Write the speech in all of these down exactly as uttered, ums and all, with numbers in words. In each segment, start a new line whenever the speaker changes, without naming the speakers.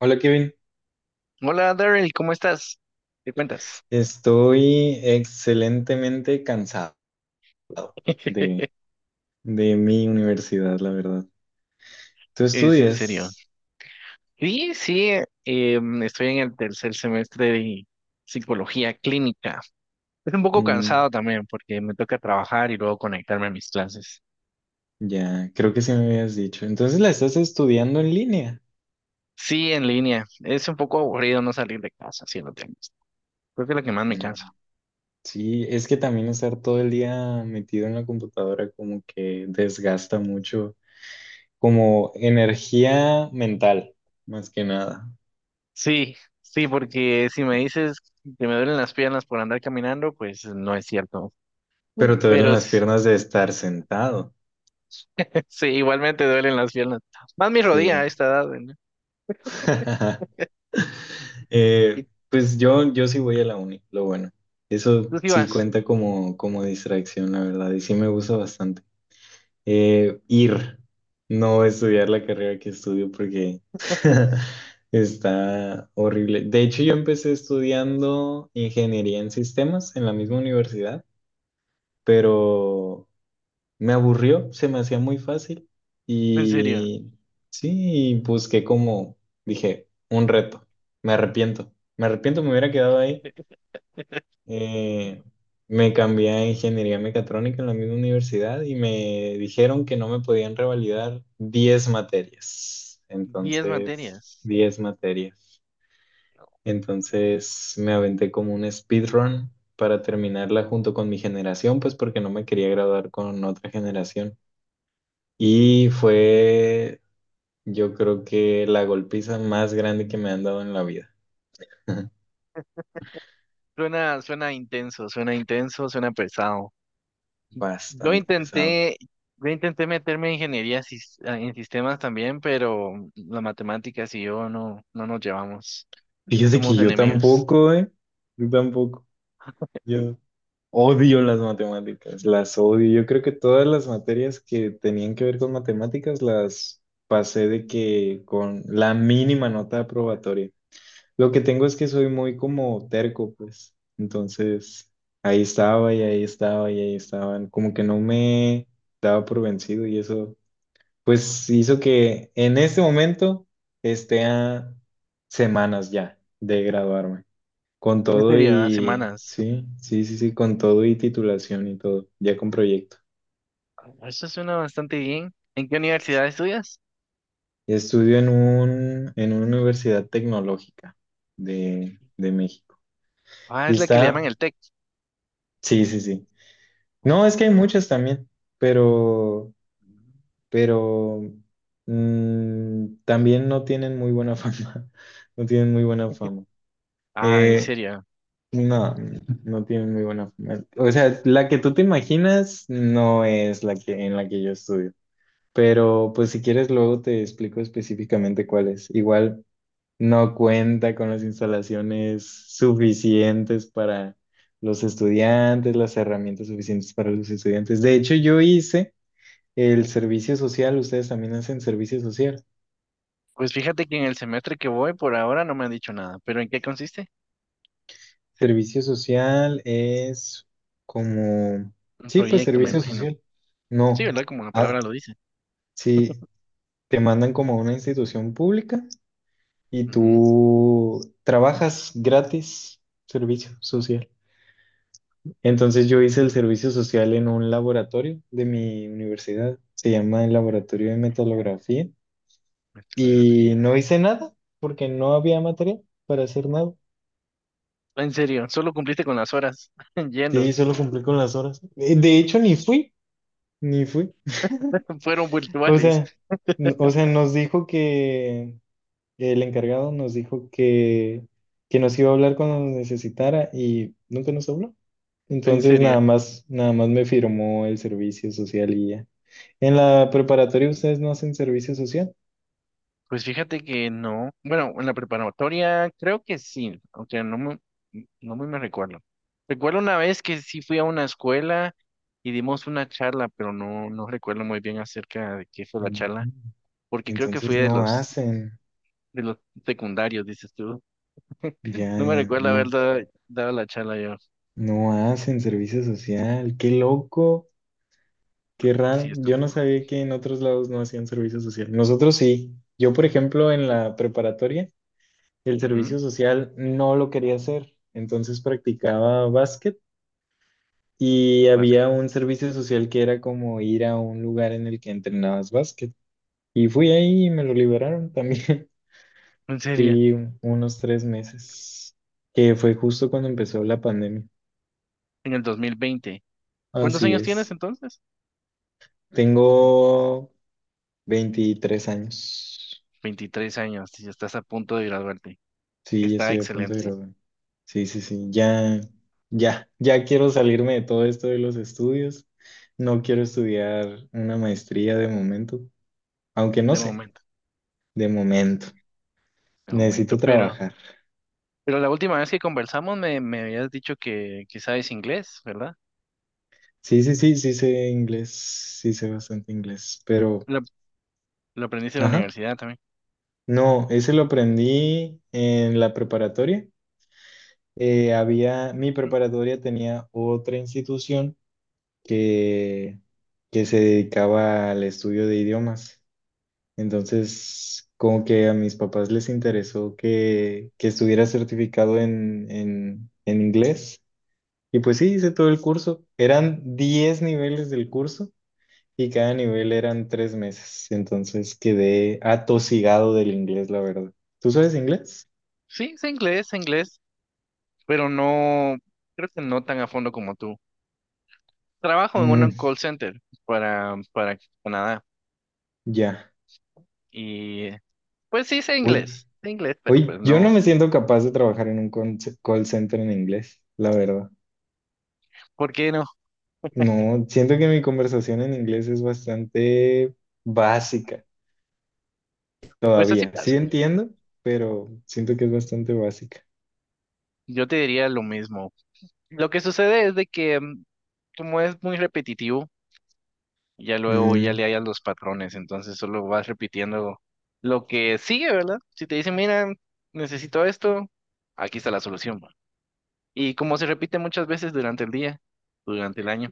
Hola, Kevin.
Hola Daryl, ¿cómo estás? ¿Qué cuentas?
Estoy excelentemente cansado de, de mi universidad, la verdad. ¿Tú
Es en serio.
estudias?
Sí, sí, eh, estoy en el tercer semestre de psicología clínica. Es un poco
Mm,
cansado también porque me toca trabajar y luego conectarme a mis clases.
ya, creo que sí me habías dicho. Entonces la estás estudiando en línea.
Sí, en línea. Es un poco aburrido no salir de casa, si lo tengo. Creo que es lo que más me cansa.
Mm, sí, es que también estar todo el día metido en la computadora como que desgasta mucho, como energía mental, más que nada.
Sí, sí, porque si me dices que me duelen las piernas por andar caminando, pues no es cierto.
Pero te duelen
Pero
las
s-
piernas de estar sentado.
sí, igualmente duelen las piernas. Más mi rodilla a
Sí.
esta edad, ¿no?
Eh, pues yo, yo sí voy a la uni, lo bueno.
Tú
Eso
sí
sí
vas,
cuenta como, como distracción, la verdad, y sí me gusta bastante. Eh, ir, no estudiar la carrera que estudio porque está horrible. De hecho, yo empecé estudiando ingeniería en sistemas en la misma universidad, pero me aburrió, se me hacía muy fácil
en serio.
y sí, busqué como, dije, un reto. Me arrepiento, me arrepiento, me hubiera quedado ahí. Eh, Me cambié a ingeniería mecatrónica en la misma universidad y me dijeron que no me podían revalidar diez materias.
Diez
Entonces,
materias.
diez materias.
No.
Entonces, me aventé como un speedrun para terminarla junto con mi generación, pues porque no me quería graduar con otra generación. Y fue, yo creo que la golpiza más grande que me han dado en la vida.
Suena, suena intenso, suena intenso, suena pesado. Yo
Bastante pesado.
intenté, yo intenté meterme en ingeniería sis- ah, en sistemas también, pero las matemáticas y yo no, no nos llevamos.
Fíjate
Somos
que yo
enemigos.
tampoco, ¿eh? Yo tampoco. Yo odio las matemáticas, las odio. Yo creo que todas las materias que tenían que ver con matemáticas las pasé de que con la mínima nota aprobatoria. Lo que tengo es que soy muy como terco, pues. Entonces, ahí estaba y ahí estaba y ahí estaban. Como que no me daba por vencido y eso, pues hizo que en este momento esté a semanas ya de graduarme. Con
En
todo
serio, ah,
y,
semanas.
sí, sí, sí, sí, con todo y titulación y todo, ya con proyecto.
Ah, eso suena bastante bien. ¿En qué universidad estudias?
Y estudio en un, en una universidad tecnológica de, de México.
Ah,
Y
es la que le llaman
está,
el TEC.
sí, sí, sí. No, es que hay
Ujú.
muchas también, pero, pero mm, también no tienen muy buena fama. No tienen muy buena fama.
Ah, en
Eh,
serio.
no, no tienen muy buena fama. O sea, la que tú te imaginas no es la que en la que yo estudio. Pero pues si quieres luego te explico específicamente cuál es. Igual no cuenta con las instalaciones suficientes para los estudiantes, las herramientas suficientes para los estudiantes. De hecho, yo hice el servicio social, ustedes también hacen servicio social.
Pues fíjate que en el semestre que voy por ahora no me han dicho nada, pero ¿en qué consiste?
Servicio social es como,
Un
sí, pues
proyecto, me
servicio
imagino.
social.
Sí,
No,
¿verdad? Como la
ah,
palabra lo dice.
sí, te mandan como a una institución pública y
Ujú.
tú trabajas gratis servicio social. Entonces yo hice el
Mm,
servicio social en un laboratorio de mi universidad, se llama el Laboratorio de Metalografía, y
estilografía.
no hice nada porque no había material para hacer nada.
En serio, solo cumpliste con las horas yendo.
Sí, solo cumplí con las horas. Eh, De hecho, ni fui, ni fui.
Fueron
O
virtuales.
sea, n- o sea, nos dijo que el encargado nos dijo que, que nos iba a hablar cuando nos necesitara y nunca nos habló.
En
Entonces,
serio.
nada más, nada más me firmó el servicio social y ya. En la preparatoria ustedes no hacen servicio social.
Pues fíjate que no. Bueno, en la preparatoria creo que sí, aunque no me no muy me recuerdo. Recuerdo una vez que sí fui a una escuela y dimos una charla, pero no, no recuerdo muy bien acerca de qué fue la charla,
Mm.
porque creo que fui
Entonces
de
no
los,
hacen.
de los secundarios, dices tú.
Ya,
No me
ya,
recuerdo haber
no.
dado, dado la charla yo.
No hacen servicio social. Qué loco. Qué
Sí,
raro,
es
yo no
tampoco.
sabía que en otros lados no hacían servicio social. Nosotros sí. Yo, por ejemplo, en la preparatoria, el
Ujú,
servicio social no lo quería hacer. Entonces practicaba básquet y
básquet.
había un servicio social que era como ir a un lugar en el que entrenabas básquet. Y fui ahí y me lo liberaron también.
En serio,
Fui unos tres meses, que fue justo cuando empezó la pandemia.
en el dos mil veinte. ¿Cuántos
Así
años tienes
es.
entonces?
Tengo veintitrés años.
Veintitrés años, y estás a punto de graduarte.
Sí, ya
Está
estoy a punto de
excelente,
graduar. Sí, sí, sí, ya, ya, ya quiero salirme de todo esto de los estudios. No quiero estudiar una maestría de momento, aunque no
de
sé,
momento.
de momento.
De momento,
Necesito
pero,
trabajar.
pero la última vez que conversamos me, me habías dicho que, que sabes inglés, ¿verdad?
Sí, sí, sí, sí sé inglés, sí sé bastante inglés, pero,
Lo, lo aprendiste en la
ajá,
universidad también.
no, ese lo aprendí en la preparatoria. Eh, había, mi
Mm.
preparatoria tenía otra institución que, que se dedicaba al estudio de idiomas. Entonces, como que a mis papás les interesó que, que estuviera certificado en, en, en inglés. Y pues sí, hice todo el curso. Eran diez niveles del curso y cada nivel eran tres meses. Entonces quedé atosigado del inglés, la verdad. ¿Tú sabes inglés?
Sí, sé inglés, sé inglés, pero no, creo que no tan a fondo como tú. Trabajo en
Mm,
un call center para, para Canadá
ya.
y eh, pues sí sé
Uy,
inglés, sé inglés, pero
uy,
pues
yo no
no,
me siento capaz de
no.
trabajar en un con- call center en inglés, la verdad.
¿Por qué no?
No, siento que mi conversación en inglés es bastante básica.
Pues así
Todavía,
pasa.
sí entiendo, pero siento que es bastante básica.
Yo te diría lo mismo. Lo que sucede es de que mm, como es muy repetitivo, ya luego ya
Mm.
le hallas los patrones, entonces solo vas repitiendo lo que sigue, ¿verdad? Si te dicen, mira, necesito esto, aquí está la solución. Va. Y como se repite muchas veces durante el día, durante el año,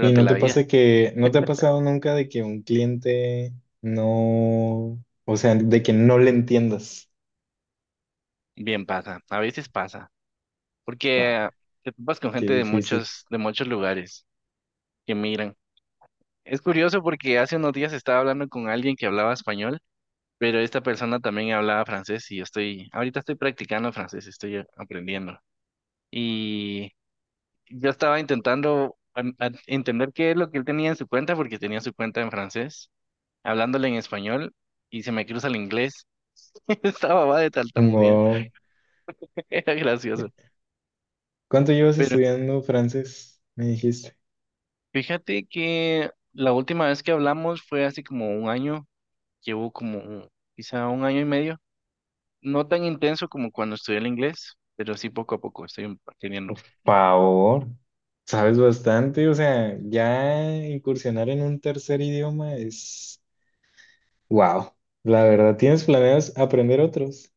¿Y no
la
te
vida,
pasa que, no te ha pasado nunca de que un cliente no, o sea, de que no le entiendas?
bien pasa, a veces pasa,
Fua,
porque te topas con
qué
gente de
difícil.
muchos, de muchos lugares que migran. Es curioso porque hace unos días estaba hablando con alguien que hablaba español, pero esta persona también hablaba francés y yo estoy, ahorita estoy practicando francés, estoy aprendiendo. Y yo estaba intentando an- an- entender qué es lo que él tenía en su cuenta, porque tenía su cuenta en francés, hablándole en español, y se me cruza el inglés. Estaba va de tartamudear.
Wow.
Era gracioso.
¿Cuánto llevas
Pero
estudiando francés? Me dijiste.
fíjate que la última vez que hablamos fue hace como un año, llevo como un- quizá un año y medio. No tan intenso como cuando estudié el inglés, pero sí poco a poco estoy aprendiendo.
Favor, sabes bastante, o sea, ya incursionar en un tercer idioma es, wow. La verdad, ¿tienes planeas aprender otros?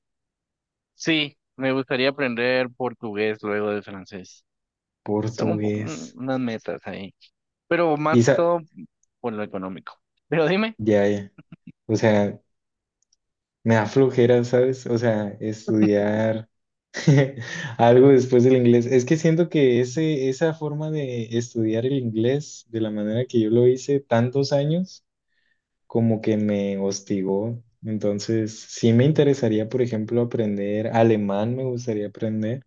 Sí, me gustaría aprender portugués luego de francés. Son un po- un-
Portugués.
unas metas ahí, pero más
¿Y
que
sa-
todo por lo económico. Pero dime,
Ya, ya. O sea, me da flojera, ¿sabes? O sea, estudiar algo después del inglés. Es que siento que ese, esa forma de estudiar el inglés de la manera que yo lo hice tantos años, como que me hostigó. Entonces, sí me interesaría, por ejemplo, aprender alemán, me gustaría aprender.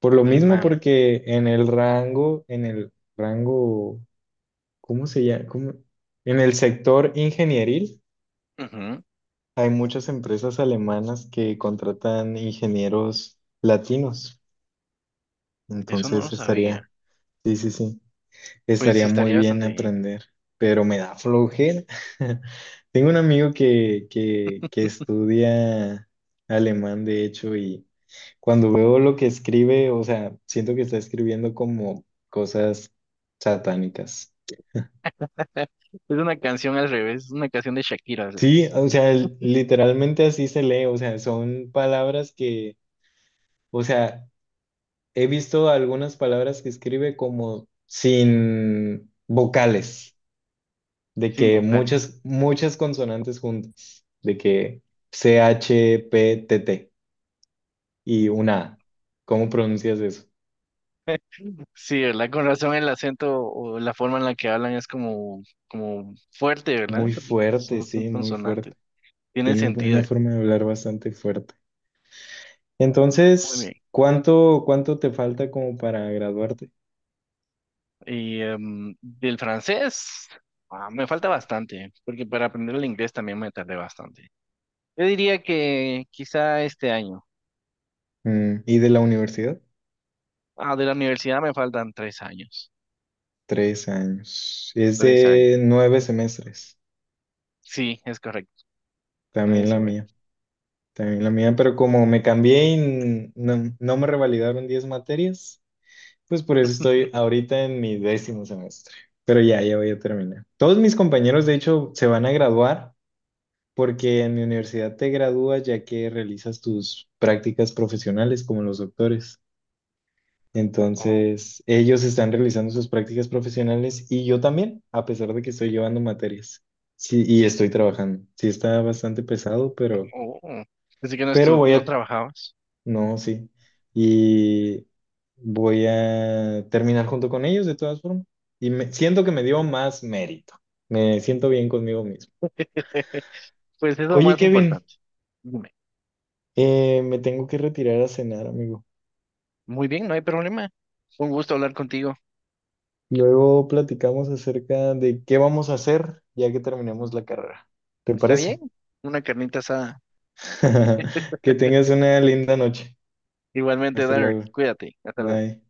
Por lo mismo,
alemán.
porque en el rango, en el rango, ¿cómo se llama? ¿Cómo? En el sector ingenieril.
Ujú,
Hay muchas empresas alemanas que contratan ingenieros latinos,
eso no lo
entonces estaría,
sabía.
sí, sí, sí,
Pues
estaría muy
estaría
bien
bastante bien.
aprender, pero me da flojera. Tengo un amigo que, que, que estudia alemán, de hecho, y cuando veo lo que escribe, o sea, siento que está escribiendo como cosas satánicas.
Es una canción al revés, es una canción de Shakira al
Sí,
revés,
o sea, l- literalmente así se lee, o sea, son palabras que, o sea, he visto algunas palabras que escribe como sin vocales, de
sin
que
vocales.
muchas, muchas consonantes juntas, de que che, P, T, T y una A. ¿Cómo pronuncias eso?
Sí, ¿verdad? Con razón el acento o la forma en la que hablan es como, como fuerte, ¿verdad?
Muy
Porque
fuerte,
son, son
sí, muy
consonantes.
fuerte.
Tiene
Tiene
sentido.
una forma de hablar bastante fuerte.
Muy bien.
Entonces, ¿cuánto, cuánto te falta como para graduarte?
Y em, del francés, ah, me falta bastante, porque para aprender el inglés también me tardé bastante. Yo diría que quizá este año.
Mm, ¿Y de la universidad?
Ah, de la universidad me faltan tres años.
Tres años. Es
Tres años.
de nueve semestres,
Sí, es correcto. Nadie
también
se
la
ve.
mía. También la mía, pero como me cambié y no, no me revalidaron diez materias, pues por eso estoy ahorita en mi décimo semestre. Pero ya, ya voy a terminar. Todos mis compañeros, de hecho, se van a graduar porque en mi universidad te gradúas ya que realizas tus prácticas profesionales como los doctores.
Oh,
Entonces, ellos están realizando sus prácticas profesionales y yo también, a pesar de que estoy llevando materias. Sí, y estoy trabajando. Sí, está bastante pesado, pero.
oh. Oh. Así que no,
Pero
estu
voy
no
a.
trabajabas.
No, sí. Y voy a terminar junto con ellos de todas formas. Y me, siento que me dio más mérito. Me siento bien conmigo mismo.
Pues es lo
Oye,
más
Kevin,
importante. Dime.
eh, me tengo que retirar a cenar, amigo.
Muy bien, no hay problema. Un gusto hablar contigo.
Luego platicamos acerca de qué vamos a hacer ya que terminemos la carrera. ¿Te
¿Está bien?
parece?
Una carnita asada.
Que tengas una linda noche.
Igualmente,
Hasta
Dark,
luego.
cuídate. Hasta luego.
Bye.